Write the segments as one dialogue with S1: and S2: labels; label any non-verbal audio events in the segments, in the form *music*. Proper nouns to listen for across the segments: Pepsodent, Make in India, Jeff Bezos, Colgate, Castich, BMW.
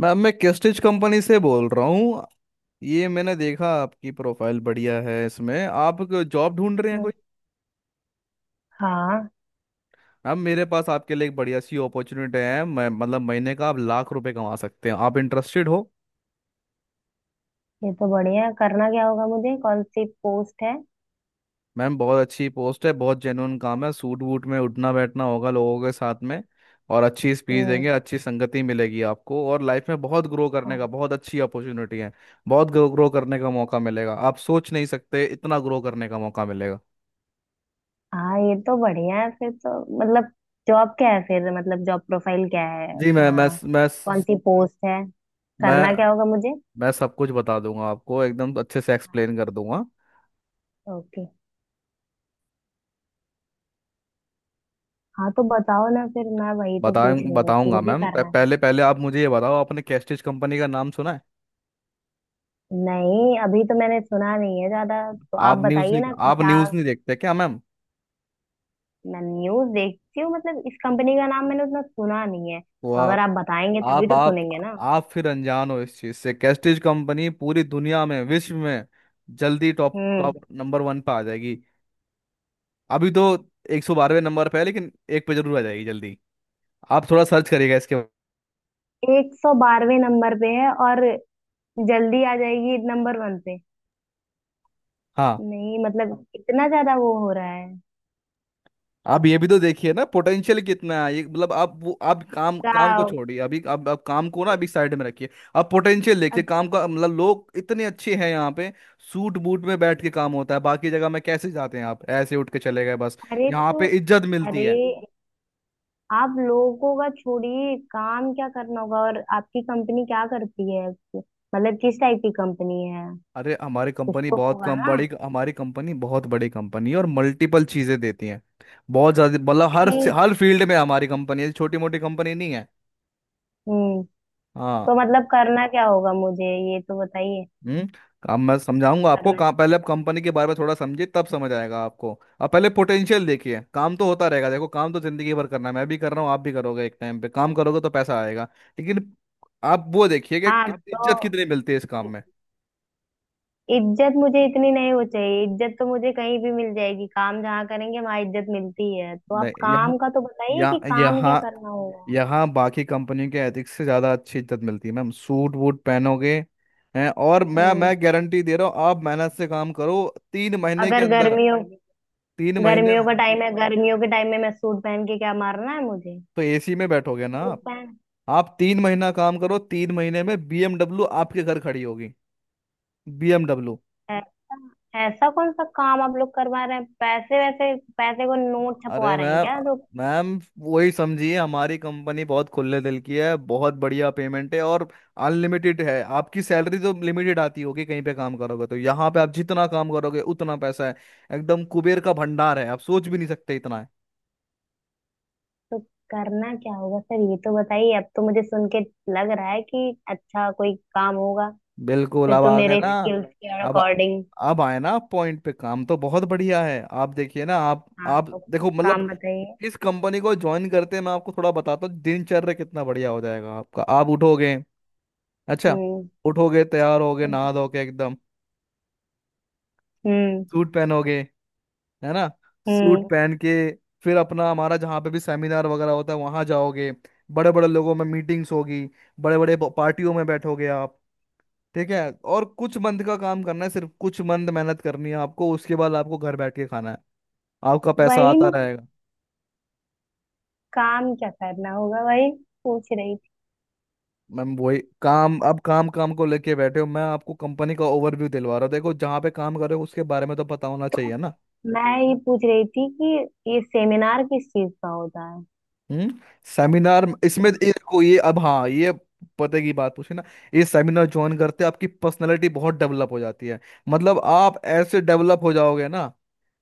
S1: Ma'am मैं केस्टिच company से बोल रहा हूँ। ये मैंने देखा आपकी प्रोफाइल बढ़िया है, इसमें आप जॉब ढूंढ रहे हैं
S2: हम्म।
S1: कोई।
S2: हाँ।
S1: मैम मेरे पास आपके लिए एक बढ़िया सी अपॉर्चुनिटी है। मैं मतलब महीने का आप लाख रुपए कमा सकते हैं। आप इंटरेस्टेड हो?
S2: ये तो बढ़िया है। करना क्या होगा मुझे? कौन सी पोस्ट है?
S1: मैम बहुत अच्छी पोस्ट है, बहुत जेन्युइन काम है। सूट वूट में उठना बैठना होगा लोगों के साथ में, और अच्छी स्पीच देंगे,
S2: हम्म।
S1: अच्छी संगति मिलेगी आपको, और लाइफ में बहुत ग्रो करने
S2: हाँ।
S1: का बहुत अच्छी अपॉर्चुनिटी है। बहुत ग्रो करने का मौका मिलेगा। आप सोच नहीं सकते इतना ग्रो करने का मौका मिलेगा।
S2: हाँ, ये तो बढ़िया है फिर तो। मतलब जॉब क्या है फिर? मतलब जॉब प्रोफाइल क्या है?
S1: जी
S2: हाँ, कौन सी पोस्ट है?
S1: मैं
S2: करना क्या होगा मुझे?
S1: मैं सब कुछ बता दूंगा आपको, एकदम अच्छे से एक्सप्लेन कर दूंगा।
S2: ओके। हाँ, तो बताओ ना फिर। मैं वही तो
S1: बताए
S2: पूछ रही हूँ कि
S1: बताऊंगा
S2: मुझे
S1: मैम। प-
S2: करना है।
S1: पहले पहले आप मुझे ये बताओ, आपने कैस्टिज कंपनी का नाम सुना है?
S2: नहीं, अभी तो मैंने सुना नहीं है ज्यादा, तो आप
S1: आप न्यूज़
S2: बताइए
S1: नहीं
S2: ना कि
S1: आप
S2: क्या।
S1: न्यूज़ नहीं देखते क्या मैम?
S2: मैं न्यूज देखती हूँ, मतलब इस कंपनी का नाम मैंने उतना सुना नहीं है,
S1: वो
S2: तो अगर आप बताएंगे तभी
S1: आप
S2: तो
S1: आप
S2: सुनेंगे ना।
S1: आप फिर अनजान हो इस चीज़ से। कैस्टिज कंपनी पूरी दुनिया में विश्व में जल्दी टॉप
S2: हम्म।
S1: टॉप नंबर वन पे आ जाएगी। अभी तो 112वें नंबर पे है, लेकिन एक पे जरूर आ जाएगी जल्दी। आप थोड़ा सर्च करिएगा इसके।
S2: 112वें नंबर पे है और जल्दी आ जाएगी नंबर वन पे?
S1: हाँ,
S2: नहीं, मतलब इतना ज्यादा वो हो रहा है?
S1: आप ये भी तो देखिए ना, पोटेंशियल कितना है ये, मतलब आप वो आप काम काम को
S2: क्या?
S1: छोड़िए अभी। आप काम को ना अभी साइड में रखिए। आप पोटेंशियल देखिए
S2: अच्छा।
S1: काम का। मतलब लोग इतने अच्छे हैं यहाँ पे। सूट बूट में बैठ के काम होता है। बाकी जगह में कैसे जाते हैं आप? ऐसे उठ के चले गए बस।
S2: अरे
S1: यहाँ
S2: तो।
S1: पे इज्जत मिलती
S2: अरे।
S1: है।
S2: आप लोगों का छोड़िए, काम क्या करना होगा और आपकी कंपनी क्या करती है? मतलब किस टाइप की कंपनी है?
S1: अरे
S2: कुछ तो होगा ना।
S1: हमारी कंपनी बहुत बड़ी कंपनी है, और मल्टीपल चीजें देती है। बहुत ज्यादा, मतलब हर
S2: ठीक।
S1: हर फील्ड में हमारी कंपनी है। छोटी मोटी कंपनी नहीं है।
S2: हम्म।
S1: हाँ।
S2: तो मतलब करना क्या होगा मुझे, ये तो बताइए।
S1: हम्म। अब मैं समझाऊंगा आपको
S2: करना।
S1: काम। पहले आप कंपनी के बारे में थोड़ा समझिए, तब समझ आएगा आपको। अब पहले पोटेंशियल देखिए। काम तो होता रहेगा। देखो काम तो जिंदगी भर करना है, मैं भी कर रहा हूँ, आप भी करोगे। एक टाइम पे काम करोगे तो पैसा आएगा, लेकिन आप वो देखिए कि
S2: हाँ
S1: कितनी इज्जत
S2: तो।
S1: कितनी मिलती है इस काम में।
S2: इज्जत मुझे इतनी नहीं हो चाहिए, इज्जत तो मुझे कहीं भी मिल जाएगी। काम जहाँ करेंगे वहां इज्जत मिलती है, तो आप
S1: नहीं, यहाँ
S2: काम का तो बताइए कि
S1: यहाँ
S2: काम क्या
S1: यहाँ
S2: करना होगा।
S1: यहाँ बाकी कंपनियों के एथिक्स से ज़्यादा अच्छी इज्जत मिलती है मैम। सूट वूट पहनोगे, हैं? और मैं
S2: हम्म।
S1: मैं गारंटी दे रहा हूँ, आप मेहनत से काम करो, 3 महीने के
S2: अगर
S1: अंदर,
S2: गर्मियों
S1: 3 महीने
S2: गर्मियों
S1: में
S2: का टाइम है, गर्मियों के टाइम में मैं सूट पहन के क्या मारना है मुझे?
S1: तो एसी में बैठोगे ना
S2: सूट
S1: आप।
S2: पहन।
S1: आप 3 महीना काम करो, तीन महीने में बीएमडब्ल्यू आपके घर खड़ी होगी। बीएमडब्ल्यू।
S2: ऐसा। ऐसा कौन सा काम आप लोग करवा रहे हैं? पैसे वैसे, पैसे को नोट छपवा
S1: अरे
S2: रहे हैं
S1: मैम।
S2: क्या तो?
S1: मैम, वही समझिए, हमारी कंपनी बहुत खुले दिल की है। बहुत बढ़िया पेमेंट है, और अनलिमिटेड है आपकी सैलरी। तो लिमिटेड आती होगी कहीं पे काम करोगे, तो यहाँ पे आप जितना काम करोगे उतना पैसा है। एकदम कुबेर का भंडार है, आप सोच भी नहीं सकते इतना है।
S2: तो करना क्या होगा सर, ये तो बताइए। अब तो मुझे सुन के लग रहा है कि अच्छा कोई काम होगा।
S1: बिल्कुल,
S2: फिर
S1: अब
S2: तो
S1: आ गए
S2: मेरे
S1: ना।
S2: स्किल्स के
S1: अब
S2: अकॉर्डिंग।
S1: अब आए ना पॉइंट पे। काम तो बहुत बढ़िया है, आप देखिए ना। आप
S2: हाँ
S1: आप
S2: तो।
S1: देखो, मतलब
S2: काम बताइए।
S1: इस कंपनी को ज्वाइन करते हैं, मैं आपको थोड़ा बताता हूँ दिनचर्या कितना बढ़िया हो जाएगा आपका। आप उठोगे। अच्छा,
S2: हम्म।
S1: उठोगे, तैयार होगे नहा धोके एकदम,
S2: हम्म।
S1: सूट पहनोगे, है ना। सूट
S2: हम्म।
S1: पहन के फिर अपना, हमारा जहाँ पे भी सेमिनार वगैरह होता है वहाँ जाओगे। बड़े बड़े लोगों में मीटिंग्स होगी। बड़े बड़े पार्टियों में बैठोगे आप। ठीक है। और कुछ मंथ का काम करना है, सिर्फ कुछ मंथ मेहनत करनी है आपको, उसके बाद आपको घर बैठ के खाना है, आपका पैसा
S2: वही
S1: आता
S2: ना,
S1: रहेगा।
S2: काम क्या करना होगा, वही पूछ रही थी।
S1: मैम वही काम। अब काम काम को लेके बैठे हो, मैं आपको कंपनी का ओवरव्यू दिलवा रहा हूँ। देखो, जहाँ पे काम कर रहे हो उसके बारे में तो पता होना
S2: तो
S1: चाहिए ना।
S2: मैं ये पूछ रही थी कि ये सेमिनार किस चीज का होता है।
S1: हम्म। सेमिनार इसमें, ये देखो, ये अब, हाँ, ये पते की बात पूछी ना। ये सेमिनार ज्वाइन करते आपकी पर्सनैलिटी बहुत डेवलप हो जाती है। मतलब आप ऐसे डेवलप हो जाओगे ना,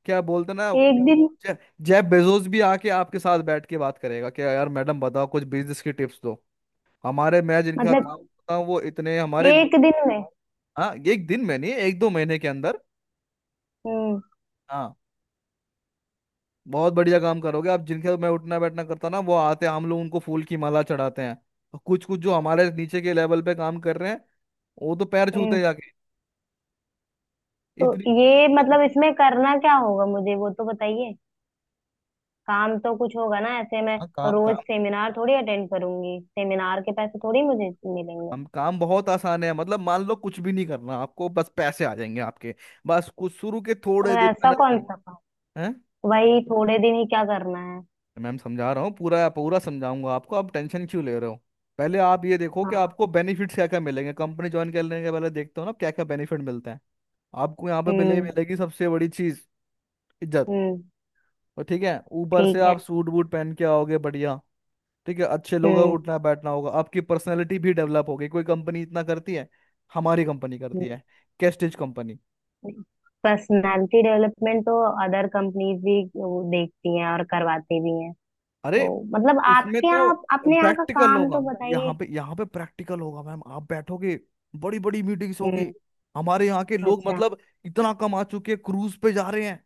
S1: क्या बोलते हैं ना।
S2: एक दिन।
S1: जे- जेफ बेजोस भी आके आपके साथ बैठ के बात करेगा कि यार मैडम बताओ कुछ बिजनेस की टिप्स दो। हमारे, मैं जिनका काम
S2: मतलब
S1: करता हूँ वो इतने, हमारे।
S2: एक दिन में?
S1: हाँ एक दिन में नहीं, एक दो महीने के अंदर।
S2: हम्म।
S1: हाँ, बहुत बढ़िया काम करोगे आप। जिनके साथ मैं उठना बैठना करता ना, वो आते हैं, हम लोग उनको फूल की माला चढ़ाते हैं। और कुछ कुछ जो हमारे नीचे के लेवल पे काम कर रहे हैं, वो तो पैर छूते हैं
S2: हम्म।
S1: जाके।
S2: तो
S1: इतनी।
S2: ये मतलब इसमें करना क्या होगा मुझे, वो तो बताइए। काम तो कुछ होगा ना, ऐसे मैं
S1: हाँ, काम
S2: रोज
S1: काम,
S2: सेमिनार थोड़ी अटेंड करूंगी, सेमिनार के पैसे थोड़ी मुझे मिलेंगे।
S1: काम काम बहुत आसान है। मतलब मान लो कुछ भी नहीं करना आपको, बस पैसे आ जाएंगे आपके। बस कुछ शुरू के थोड़े
S2: तो
S1: दिन
S2: ऐसा
S1: मेहनत
S2: कौन सा
S1: करना
S2: काम?
S1: है।
S2: वही थोड़े दिन ही क्या करना है?
S1: मैम समझा रहा हूँ, पूरा पूरा समझाऊंगा आपको, आप टेंशन क्यों ले रहे हो? पहले आप ये देखो कि
S2: हाँ।
S1: आपको बेनिफिट्स क्या क्या मिलेंगे। कंपनी ज्वाइन करने के पहले देखते हो ना क्या क्या बेनिफिट मिलते हैं? आपको यहाँ पे
S2: हम्म।
S1: मिलेगी सबसे बड़ी चीज, इज्जत।
S2: हम्म।
S1: और ठीक है, ऊपर से
S2: ठीक है।
S1: आप सूट बूट पहन के आओगे बढ़िया। ठीक है, अच्छे लोग हैं,
S2: हम्म।
S1: उठना बैठना होगा, आपकी पर्सनैलिटी भी डेवलप होगी। कोई कंपनी इतना करती है? हमारी कंपनी करती है, कैस्टिज कंपनी।
S2: पर्सनालिटी डेवलपमेंट तो अदर कंपनीज भी वो देखती हैं और करवाती भी हैं।
S1: अरे
S2: तो मतलब
S1: इसमें
S2: आपके
S1: तो
S2: यहाँ, अपने यहाँ का
S1: प्रैक्टिकल
S2: काम तो
S1: होगा।
S2: बताइए।
S1: यहाँ पे प्रैक्टिकल होगा मैम। आप बैठोगे, बड़ी बड़ी मीटिंग्स होगी।
S2: हम्म।
S1: हमारे यहाँ के लोग,
S2: अच्छा।
S1: मतलब इतना कमा चुके हैं, क्रूज पे जा रहे हैं,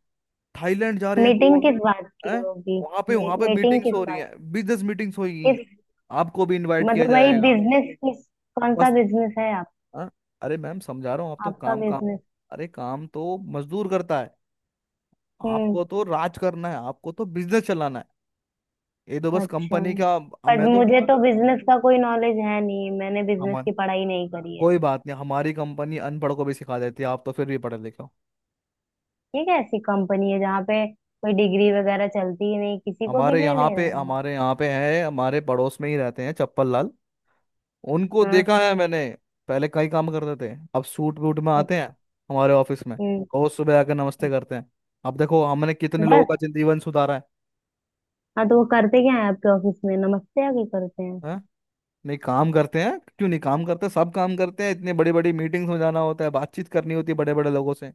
S1: थाईलैंड जा रहे हैं,
S2: मीटिंग
S1: गोवा
S2: किस बात की
S1: है।
S2: होगी?
S1: वहां पे
S2: मी,
S1: वहां पे
S2: मीटिंग
S1: मीटिंग्स हो
S2: किस
S1: रही
S2: बात?
S1: है। बिजनेस मीटिंग्स होगी,
S2: किस?
S1: आपको भी इनवाइट किया
S2: मतलब भाई
S1: जाएगा।
S2: बिजनेस किस, कौन सा
S1: बस।
S2: बिजनेस है आप?
S1: हाँ। अरे मैम समझा रहा हूँ, आप तो
S2: आपका
S1: काम काम।
S2: बिजनेस।
S1: अरे काम तो मजदूर करता है।
S2: हम्म।
S1: आपको तो राज करना है, आपको तो बिजनेस चलाना है। ये तो बस
S2: अच्छा।
S1: कंपनी का, अब
S2: पर
S1: मैं तो,
S2: मुझे तो बिजनेस का कोई नॉलेज है नहीं, मैंने बिजनेस
S1: हमारे।
S2: की पढ़ाई नहीं करी है।
S1: कोई बात नहीं, हमारी कंपनी अनपढ़ को भी सिखा देती है, आप तो फिर भी पढ़े लिखे हो।
S2: ये कैसी कंपनी है जहाँ पे कोई डिग्री वगैरह चलती ही नहीं, किसी को भी ले ले रहे हैं?
S1: हमारे यहाँ पे है, हमारे पड़ोस में ही रहते हैं, चप्पल लाल। उनको
S2: हाँ।
S1: देखा है मैंने। पहले कई काम करते थे, अब सूट वूट में
S2: अच्छ-
S1: आते हैं हमारे ऑफिस में।
S2: हम्म।
S1: रोज सुबह आकर नमस्ते करते हैं। अब देखो हमने कितने लोगों
S2: बस।
S1: का जीवन सुधारा है।
S2: हाँ तो वो करते क्या है आपके ऑफिस में, नमस्ते आगे करते हैं?
S1: हैं? नहीं काम करते हैं? क्यों नहीं काम करते, सब काम करते हैं। इतने बड़ी बड़ी मीटिंग्स में जाना होता है, बातचीत करनी होती है बड़े बड़े लोगों से।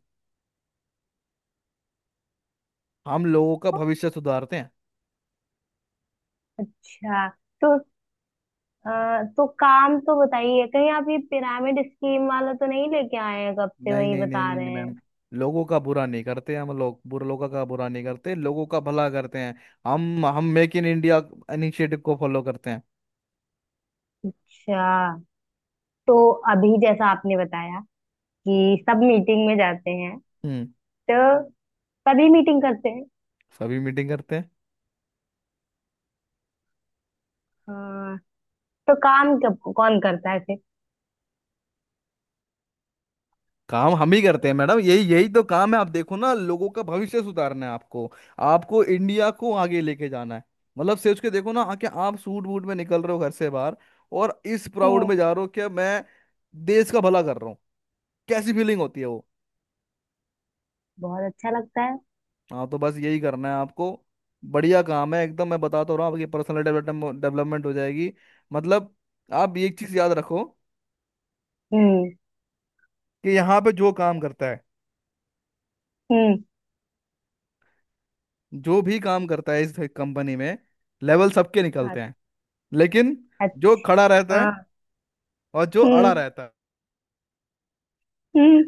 S1: हम लोगों का भविष्य सुधारते हैं।
S2: अच्छा। तो। तो काम तो बताइए, कहीं आप ये पिरामिड स्कीम वाला तो नहीं लेके आए हैं, कब से
S1: नहीं
S2: वही
S1: नहीं नहीं
S2: बता
S1: नहीं, नहीं
S2: रहे
S1: मैम।
S2: हैं?
S1: लोगों का बुरा नहीं करते हम लोग, बुरे लोगों का बुरा नहीं करते, लोगों का भला करते हैं। हम मेक इन इंडिया इनिशिएटिव को फॉलो करते हैं।
S2: अच्छा तो। अभी जैसा आपने बताया कि सब मीटिंग में जाते हैं।
S1: हम्म।
S2: तो सभी मीटिंग करते हैं।
S1: सभी मीटिंग करते हैं।
S2: हाँ। तो काम कब कौन करता है फिर?
S1: काम हम ही करते हैं मैडम, यही यही तो काम है। आप देखो ना, लोगों का भविष्य सुधारना है आपको, आपको इंडिया को आगे लेके जाना है। मतलब सोच के देखो ना, आके आप सूट बूट में निकल रहे हो घर से बाहर, और इस प्राउड
S2: हम्म।
S1: में जा रहे हो कि मैं देश का भला कर रहा हूँ। कैसी फीलिंग होती है वो?
S2: बहुत अच्छा लगता है।
S1: हाँ तो बस यही करना है आपको, बढ़िया काम है एकदम। मैं बता तो रहा हूँ, आपकी पर्सनल डेवलपमेंट डेवलपमेंट हो जाएगी। मतलब आप एक चीज याद रखो,
S2: हम्म।
S1: कि यहाँ पे जो काम करता है,
S2: हम्म।
S1: जो भी काम करता है इस कंपनी में, लेवल सबके निकलते हैं, लेकिन जो
S2: अच्छा।
S1: खड़ा रहता है
S2: हाँ।
S1: और जो अड़ा
S2: हम्म।
S1: रहता
S2: हम्म।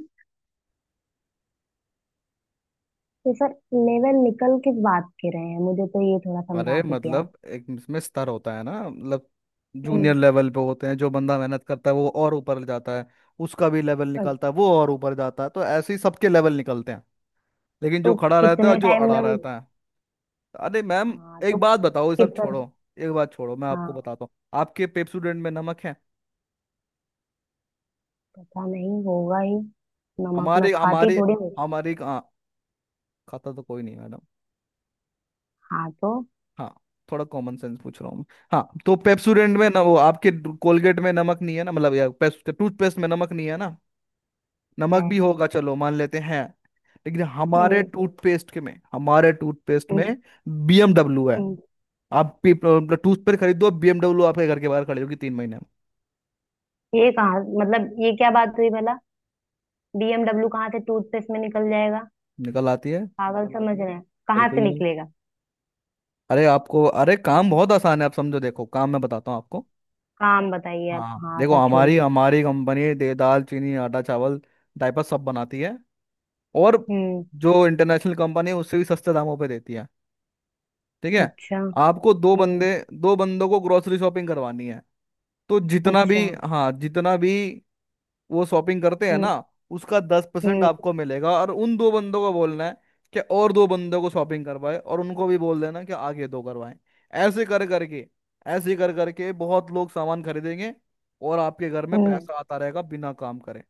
S2: तो सर, लेवल निकल किस बात के रहे हैं, मुझे तो ये थोड़ा
S1: है।
S2: समझा
S1: अरे
S2: दीजिए आप।
S1: मतलब एक इसमें स्तर होता है ना, मतलब जूनियर
S2: हम्म।
S1: लेवल पे होते हैं, जो बंदा मेहनत करता है वो और ऊपर जाता है, उसका भी लेवल
S2: अच्छा।
S1: निकलता है, वो और ऊपर जाता है, तो ऐसे ही सबके लेवल निकलते हैं। लेकिन जो
S2: तो
S1: खड़ा रहता है और
S2: कितने
S1: जो
S2: टाइम में
S1: अड़ा
S2: वो?
S1: रहता है, अरे मैम
S2: हाँ तो।
S1: एक बात बताओ, ये सब
S2: कितना?
S1: छोड़ो, एक बात छोड़ो, मैं आपको
S2: हाँ।
S1: बताता हूँ। आपके पेप स्टूडेंट में नमक है?
S2: पता नहीं, होगा ही, नमक मैं
S1: हमारे
S2: खाती
S1: हमारे
S2: थोड़ी हूँ।
S1: हमारी, हाँ, खाता तो कोई नहीं मैडम,
S2: हाँ तो।
S1: हाँ, थोड़ा कॉमन सेंस पूछ रहा हूँ मैं। हाँ तो पेप्सोडेंट में ना, वो आपके कोलगेट में नमक नहीं है ना, मतलब या टूथपेस्ट में नमक नहीं है ना? नमक
S2: है।
S1: भी होगा, चलो मान लेते हैं। लेकिन
S2: हम्म।
S1: हमारे टूथपेस्ट में
S2: हम्म।
S1: बीएमडब्ल्यू है।
S2: हम्म।
S1: आप टूथपेस्ट खरीदो, बीएमडब्ल्यू आपके घर के बाहर खड़ी होगी 3 महीने में।
S2: ये कहाँ, मतलब ये क्या बात हुई भला? बीएमडब्ल्यू कहाँ से टूथपेस्ट में निकल जाएगा?
S1: निकल आती है,
S2: पागल समझ रहे हैं? कहाँ
S1: बिल्कुल
S2: से
S1: निकल।
S2: निकलेगा?
S1: अरे आपको, अरे काम बहुत आसान है, आप समझो, देखो काम मैं बताता हूँ आपको।
S2: काम बताइए आप,
S1: हाँ
S2: हाँ,
S1: देखो,
S2: सब
S1: हमारी
S2: छोड़िए।
S1: हमारी कंपनी दे दाल, चीनी, आटा, चावल, डायपर सब बनाती है, और
S2: हम्म।
S1: जो इंटरनेशनल कंपनी है उससे भी सस्ते दामों पे देती है। ठीक है,
S2: अच्छा।
S1: आपको
S2: हम्म।
S1: दो बंदों को ग्रोसरी शॉपिंग करवानी है। तो जितना भी,
S2: अच्छा।
S1: हाँ, जितना भी वो शॉपिंग करते हैं ना,
S2: हम्म।
S1: उसका 10%
S2: हम्म।
S1: आपको मिलेगा। और उन दो बंदों को बोलना है कि और दो बंदों को शॉपिंग करवाए, और उनको भी बोल देना कि आगे दो करवाएं। ऐसे कर करके ऐसे कर करके बहुत लोग सामान खरीदेंगे, और आपके घर में
S2: हम्म।
S1: पैसा आता रहेगा बिना काम करे।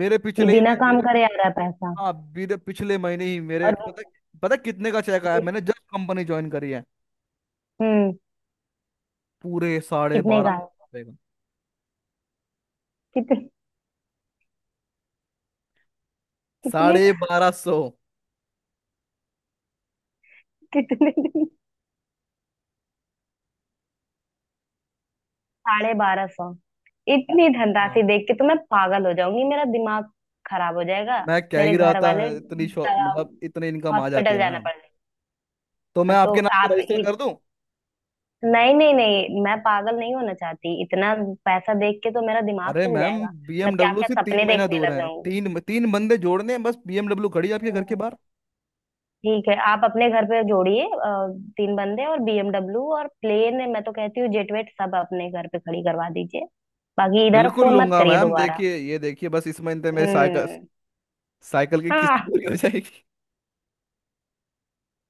S1: मेरे
S2: ये
S1: पिछले ही
S2: बिना काम करे आ रहा है पैसा?
S1: हाँ, बीते पिछले महीने ही मेरे,
S2: और?
S1: पता पता कितने का चेक आया,
S2: जिस-
S1: मैंने जब कंपनी ज्वाइन करी है,
S2: हम्म।
S1: पूरे साढ़े
S2: कितने
S1: बारह
S2: का है?
S1: सौ का।
S2: कितने? कितने
S1: साढ़े
S2: का?
S1: बारह सौ
S2: कितने दिन? 1250? इतनी धनराशि
S1: हाँ।
S2: देख के तो मैं पागल हो जाऊंगी, मेरा दिमाग खराब हो जाएगा।
S1: मैं कह
S2: मेरे
S1: ही रहा
S2: घर
S1: था,
S2: वाले,
S1: इतनी मतलब इतनी इनकम आ जाती
S2: हॉस्पिटल
S1: है
S2: जाना
S1: मैम,
S2: पड़ जाएगा।
S1: तो मैं
S2: तो
S1: आपके नाम पर
S2: आप।
S1: रजिस्टर कर दूं?
S2: नहीं, नहीं, नहीं, मैं पागल नहीं होना चाहती, इतना पैसा देख के तो मेरा दिमाग
S1: अरे
S2: हिल
S1: मैम,
S2: जाएगा। मैं क्या
S1: बीएमडब्ल्यू
S2: क्या
S1: से तीन
S2: सपने
S1: महीना
S2: देखने
S1: दूर
S2: लग
S1: है,
S2: जाऊंगी।
S1: तीन तीन बंदे जोड़ने हैं, बस बीएमडब्ल्यू खड़ी है आपके घर के
S2: हम्म।
S1: बाहर।
S2: ठीक है, आप अपने घर पे जोड़िए तीन बंदे और बीएमडब्ल्यू और प्लेन, मैं तो कहती हूँ जेट वेट सब अपने घर पे खड़ी करवा दीजिए। बाकी इधर
S1: बिल्कुल
S2: फोन मत
S1: लूंगा
S2: करिए
S1: मैम,
S2: दोबारा।
S1: देखिए, ये देखिए बस इस महीने मेरे साइकिल
S2: हम्म।
S1: साइकिल की
S2: *laughs*
S1: किस्त
S2: हाँ।
S1: पूरी हो जाएगी।